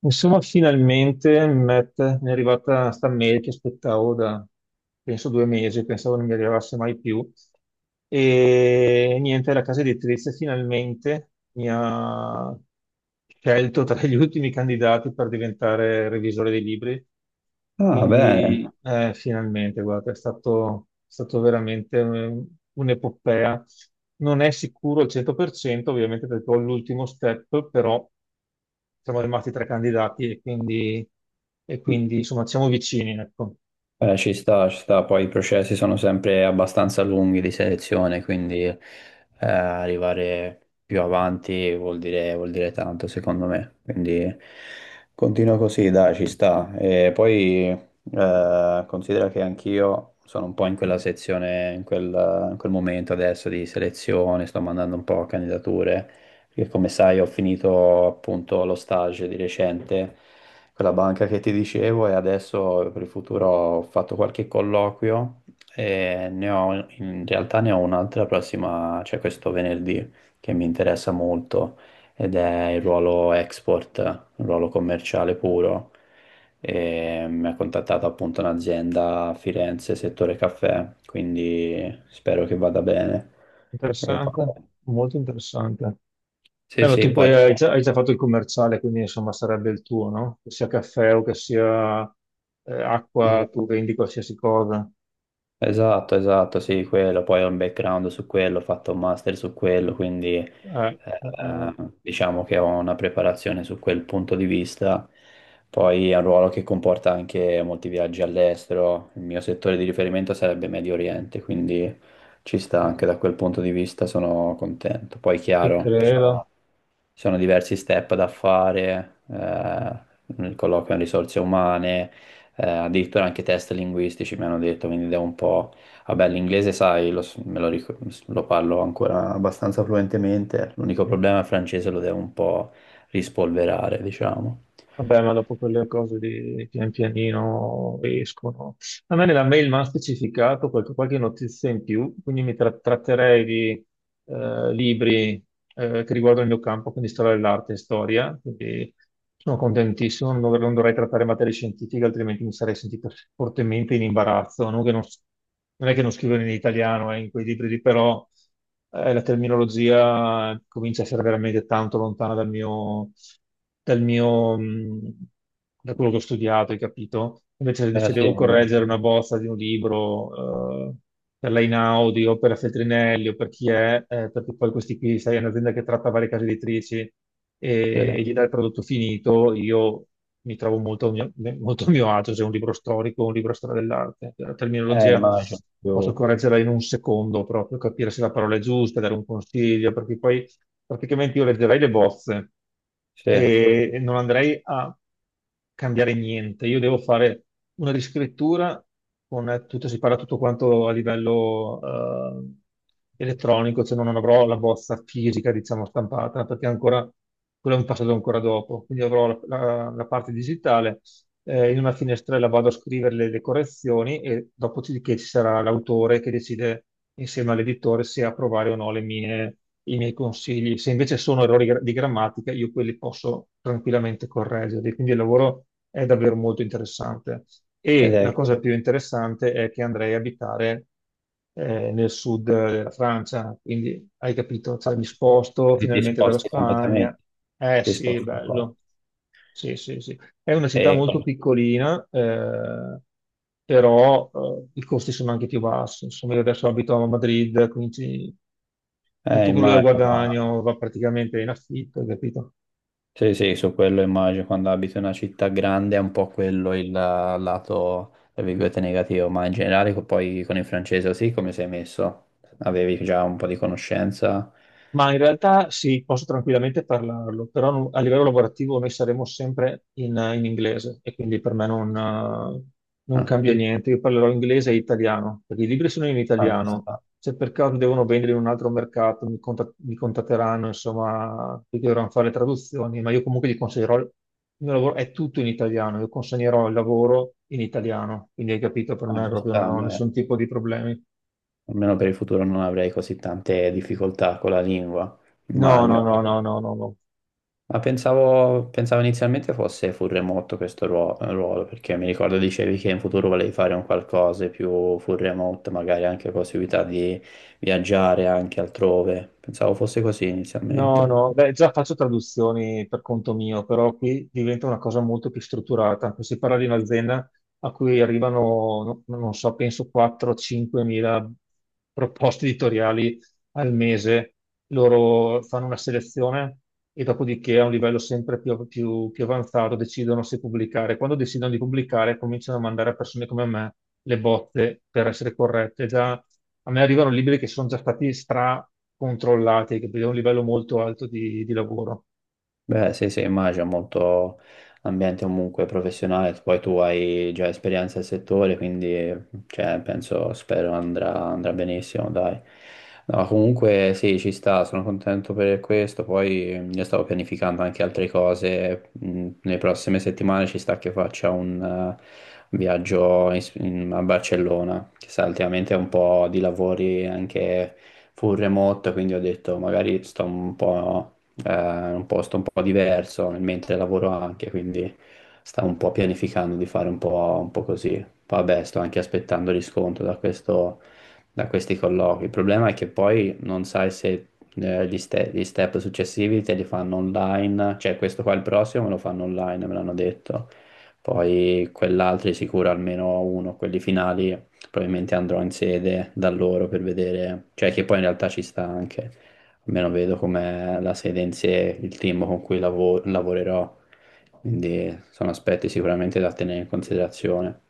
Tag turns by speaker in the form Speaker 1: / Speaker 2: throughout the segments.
Speaker 1: Insomma, finalmente Matt, mi è arrivata sta mail che aspettavo da, penso, 2 mesi, pensavo non mi arrivasse mai più. E niente, la casa editrice finalmente mi ha scelto tra gli ultimi candidati per diventare revisore dei libri.
Speaker 2: Ah, bene.
Speaker 1: Quindi, finalmente, guarda, è stato veramente un'epopea. Non è sicuro al 100%, ovviamente, perché ho l'ultimo step, però siamo rimasti tre candidati e quindi, insomma siamo vicini, ecco.
Speaker 2: Ci sta, ci sta, poi i processi sono sempre abbastanza lunghi di selezione, quindi arrivare più avanti vuol dire tanto secondo me, quindi continua così, dai, ci sta. E poi considera che anch'io sono un po' in quella sezione, in quel momento adesso di selezione, sto mandando un po' candidature. Perché come sai ho finito appunto lo stage di recente con la banca che ti dicevo e adesso per il futuro ho fatto qualche colloquio e ne ho, in realtà ne ho un'altra prossima, cioè questo venerdì, che mi interessa molto ed è il ruolo export, un ruolo commerciale puro. E mi ha contattato appunto un'azienda a Firenze, settore caffè, quindi spero che vada bene. E poi-
Speaker 1: Interessante, molto interessante.
Speaker 2: sì,
Speaker 1: Beh, ma
Speaker 2: sì,
Speaker 1: tu
Speaker 2: poi...
Speaker 1: poi hai già fatto il commerciale, quindi insomma sarebbe il tuo, no? Che sia caffè o che sia acqua, tu vendi qualsiasi cosa.
Speaker 2: Esatto, esatto, sì, quello, poi ho un background su quello, ho fatto un master su quello, quindi
Speaker 1: Eh, eh, eh,
Speaker 2: diciamo che ho una preparazione su quel punto di vista. Poi è un ruolo che comporta anche molti viaggi all'estero, il mio settore di riferimento sarebbe Medio Oriente, quindi ci sta anche da quel punto di vista, sono contento. Poi
Speaker 1: ti
Speaker 2: chiaro, ci
Speaker 1: credo.
Speaker 2: sono ci sono diversi step da fare, il colloquio in risorse umane, addirittura anche test linguistici mi hanno detto, quindi devo un po'... Vabbè, l'inglese, sai, lo, s- me lo, ric- lo parlo ancora abbastanza fluentemente, l'unico problema è il francese, lo devo un po' rispolverare, diciamo.
Speaker 1: Vabbè, ma dopo quelle cose di pian pianino escono. A me nella mail mi hanno specificato qualche notizia in più, quindi mi tratterei di libri che riguardano il mio campo, quindi storia dell'arte e storia, quindi sono contentissimo, non dovrei trattare materie scientifiche, altrimenti mi sarei sentito fortemente in imbarazzo, non è che non scrivo in italiano in quei libri, lì, però la terminologia comincia a essere veramente tanto lontana dal mio, dal mio, mh, da quello che ho studiato, hai capito? Invece
Speaker 2: Eh
Speaker 1: se
Speaker 2: sì,
Speaker 1: devo
Speaker 2: ma-
Speaker 1: correggere una bozza di un libro per l'Einaudi o per la Feltrinelli o per chi è, perché poi questi qui, sai, è un'azienda che tratta varie case editrici e,
Speaker 2: sì.
Speaker 1: e gli dà il prodotto finito. Io mi trovo molto a mio agio se è un libro storico o un libro di storia dell'arte. La terminologia
Speaker 2: Immagino
Speaker 1: posso
Speaker 2: più...
Speaker 1: correggerla in un secondo proprio, capire se la parola è giusta, dare un consiglio, perché poi praticamente io leggerei le bozze
Speaker 2: Sì, ed
Speaker 1: e non andrei a cambiare niente. Io devo fare una riscrittura con tutto, si parla tutto quanto a livello eh, elettronico, cioè non avrò la bozza fisica, diciamo, stampata, perché ancora quello è un passaggio ancora dopo. Quindi avrò la parte digitale in una finestrella vado a scrivere le correzioni e dopodiché ci sarà l'autore che decide insieme all'editore se approvare o no i miei consigli. Se invece sono errori di grammatica, io quelli posso tranquillamente correggerli. Quindi il lavoro è davvero molto interessante. E la
Speaker 2: è...
Speaker 1: cosa più interessante è che andrei a abitare nel sud della Francia, quindi hai capito, cioè, mi sposto
Speaker 2: Ti
Speaker 1: finalmente dalla
Speaker 2: sposti completamente,
Speaker 1: Spagna. Eh
Speaker 2: ti
Speaker 1: sì,
Speaker 2: sposti qua.
Speaker 1: bello. Sì, sì, sì. È una città
Speaker 2: E-
Speaker 1: molto piccolina, però i costi sono anche più bassi. Insomma, io adesso abito a Madrid, quindi tutto quello che
Speaker 2: immagino.
Speaker 1: guadagno va praticamente in affitto, capito?
Speaker 2: Sì, sì, su quello immagino, quando abiti in una città grande è un po' quello il lato, tra virgolette, negativo, ma in generale poi con il francese così come sei messo? Avevi già un po' di conoscenza?
Speaker 1: Ma in realtà sì, posso tranquillamente parlarlo, però a livello lavorativo noi saremo sempre in inglese e quindi per me non
Speaker 2: Ah,
Speaker 1: cambia niente. Io parlerò inglese e italiano, perché i libri sono in
Speaker 2: ah, ci
Speaker 1: italiano.
Speaker 2: sta,
Speaker 1: Se per caso devono vendere in un altro mercato, mi contatteranno, insomma, perché dovranno fare le traduzioni, ma io comunque gli consiglierò. Il mio lavoro è tutto in italiano, io consegnerò il lavoro in italiano, quindi hai capito, per
Speaker 2: ah,
Speaker 1: me
Speaker 2: ci
Speaker 1: proprio
Speaker 2: sta,
Speaker 1: non ho
Speaker 2: beh,
Speaker 1: nessun tipo di problemi.
Speaker 2: almeno per il futuro non avrei così tante difficoltà con la lingua,
Speaker 1: No, no,
Speaker 2: immagino.
Speaker 1: no, no, no, no, no.
Speaker 2: Pensavo inizialmente fosse full remote questo ruolo, perché mi ricordo dicevi che in futuro volevi fare un qualcosa più full remote, magari anche possibilità di viaggiare anche altrove. Pensavo fosse così
Speaker 1: No,
Speaker 2: inizialmente.
Speaker 1: no, beh, già faccio traduzioni per conto mio, però qui diventa una cosa molto più strutturata. Qui si parla di un'azienda a cui arrivano, no, non so, penso 4-5 mila proposte editoriali al mese. Loro fanno una selezione e dopodiché a un livello sempre più avanzato decidono se pubblicare. Quando decidono di pubblicare cominciano a mandare a persone come me le botte per essere corrette. Già, a me arrivano libri che sono già stati stra-controllati, che vedono un livello molto alto di lavoro.
Speaker 2: Beh, sì, sì, immagino molto ambiente comunque professionale, poi tu hai già esperienza nel settore, quindi cioè, penso, spero andrà, andrà benissimo, dai. No, comunque sì, ci sta, sono contento per questo, poi io stavo pianificando anche altre cose, nelle prossime settimane ci sta che faccia un viaggio a Barcellona, che sa, ultimamente è un po' di lavori anche full remote, quindi ho detto magari sto un po' un posto un po' diverso, mentre lavoro anche, quindi stavo un po' pianificando di fare un po' così. Poi vabbè, sto anche aspettando riscontro da questo, da questi colloqui. Il problema è che poi non sai se gli step successivi te li fanno online, cioè questo qua il prossimo me lo fanno online, me l'hanno detto. Poi quell'altro di sicuro almeno uno, quelli finali, probabilmente andrò in sede da loro per vedere, cioè che poi in realtà ci sta anche almeno vedo com'è la sede in sé, il team con cui lavorerò, quindi sono aspetti sicuramente da tenere in considerazione.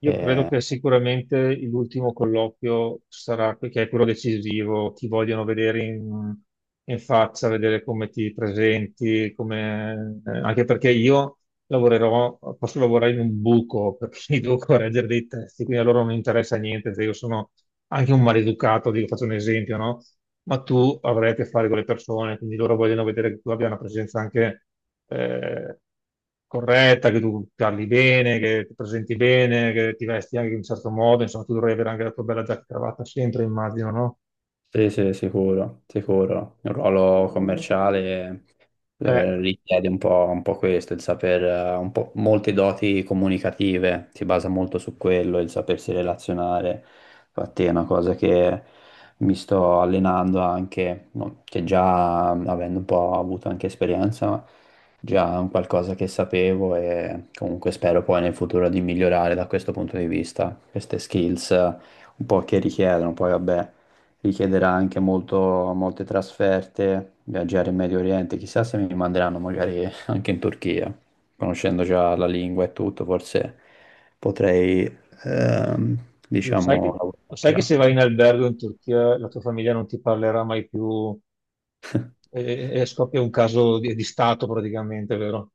Speaker 1: Io credo
Speaker 2: Eh,
Speaker 1: che sicuramente l'ultimo colloquio sarà, che è quello decisivo, ti vogliono vedere in faccia, vedere come ti presenti, anche perché io lavorerò, posso lavorare in un buco perché devo correggere dei testi, quindi a loro non interessa niente, cioè io sono anche un maleducato, dico, faccio un esempio, no? Ma tu avrai a che fare con le persone, quindi loro vogliono vedere che tu abbia una presenza anche eh, corretta, che tu parli bene, che ti presenti bene, che ti vesti anche in un certo modo, insomma, tu dovrai avere anche la tua bella giacca e cravatta sempre, immagino, no?
Speaker 2: Sì, sì, sicuro, sicuro. Il ruolo commerciale
Speaker 1: Eh,
Speaker 2: richiede un po' questo, il saper, un po' molte doti comunicative, si basa molto su quello, il sapersi relazionare. Infatti è una cosa che mi sto allenando anche, no, che già avendo un po' avuto anche esperienza, ma già è un qualcosa che sapevo e comunque spero poi nel futuro di migliorare da questo punto di vista, queste skills un po' che richiedono, poi vabbè richiederà anche molto, molte trasferte, viaggiare in Medio Oriente, chissà se mi manderanno magari anche in Turchia, conoscendo già la lingua e tutto, forse potrei, ehm,
Speaker 1: lo sai
Speaker 2: diciamo,
Speaker 1: che,
Speaker 2: lavorare
Speaker 1: lo
Speaker 2: anche
Speaker 1: sai che
Speaker 2: là.
Speaker 1: se vai in albergo in Turchia la tua famiglia non ti parlerà mai più e scoppia un caso di stato praticamente, vero?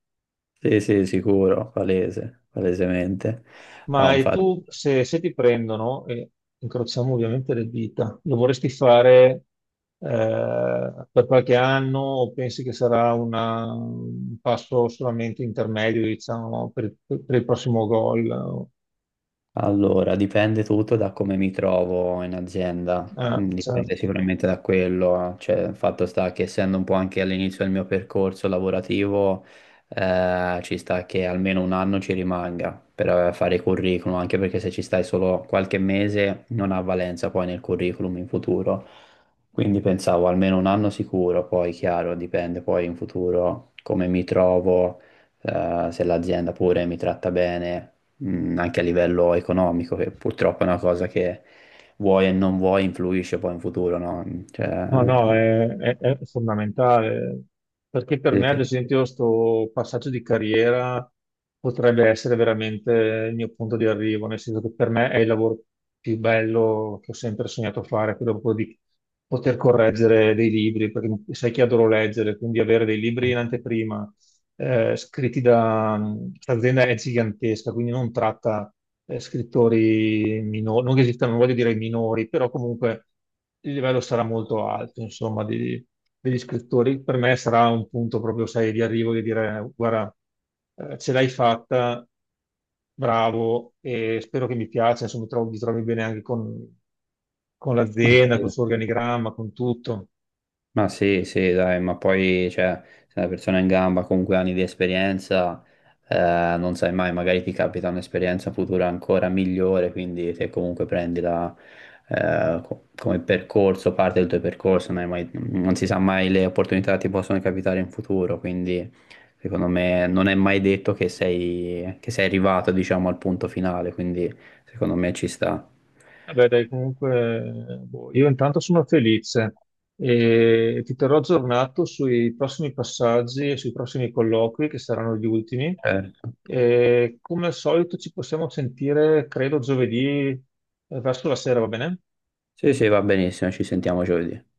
Speaker 2: Sì, sì, sicuro, palese, palesemente. No,
Speaker 1: Ma e
Speaker 2: infatti.
Speaker 1: tu, se ti prendono, e incrociamo ovviamente le dita, lo vorresti fare per qualche anno o pensi che sarà un passo solamente intermedio, diciamo, per il prossimo gol?
Speaker 2: Allora, dipende tutto da come mi trovo in azienda.
Speaker 1: Certo.
Speaker 2: Dipende sicuramente da quello, cioè il fatto sta che essendo un po' anche all'inizio del mio percorso lavorativo, ci sta che almeno 1 anno ci rimanga per fare i curriculum, anche perché se ci stai solo qualche mese non ha valenza poi nel curriculum in futuro, quindi pensavo almeno 1 anno sicuro, poi chiaro, dipende poi in futuro come mi trovo se l'azienda pure mi tratta bene, anche a livello economico, che purtroppo è una cosa che vuoi e non vuoi influisce poi in futuro, no?
Speaker 1: No,
Speaker 2: Cioè,
Speaker 1: no, è fondamentale, perché per
Speaker 2: sì,
Speaker 1: me, ad
Speaker 2: sì.
Speaker 1: esempio, sto passaggio di carriera potrebbe essere veramente il mio punto di arrivo, nel senso che per me è il lavoro più bello che ho sempre sognato fare, quello proprio di poter correggere dei libri, perché sai che adoro leggere, quindi avere dei libri in anteprima, scritti da. Questa azienda è gigantesca, quindi non tratta scrittori minori, non che esistano, non voglio dire minori, però comunque il livello sarà molto alto, insomma, degli scrittori. Per me sarà un punto proprio, sai, di arrivo di dire, guarda, ce l'hai fatta, bravo, e spero che mi piaccia, insomma, mi trovi bene anche con
Speaker 2: Ma
Speaker 1: l'azienda,
Speaker 2: sì.
Speaker 1: col suo organigramma, con tutto.
Speaker 2: Ma sì, sì, dai, ma poi, cioè, se una persona è in gamba comunque ha anni di esperienza, non sai mai, magari ti capita un'esperienza futura ancora migliore, quindi se comunque prendi la, come percorso, parte del tuo percorso, non hai mai- non si sa mai le opportunità che ti possono capitare in futuro, quindi secondo me non è mai detto che sei arrivato, diciamo, al punto finale, quindi secondo me ci sta.
Speaker 1: Vabbè, dai, comunque, boh, io intanto sono felice e ti terrò aggiornato sui prossimi passaggi e sui prossimi colloqui che saranno gli ultimi.
Speaker 2: Eh,
Speaker 1: E come al solito ci possiamo sentire, credo, giovedì verso la sera, va bene?
Speaker 2: sì, sì, va benissimo, ci sentiamo giovedì.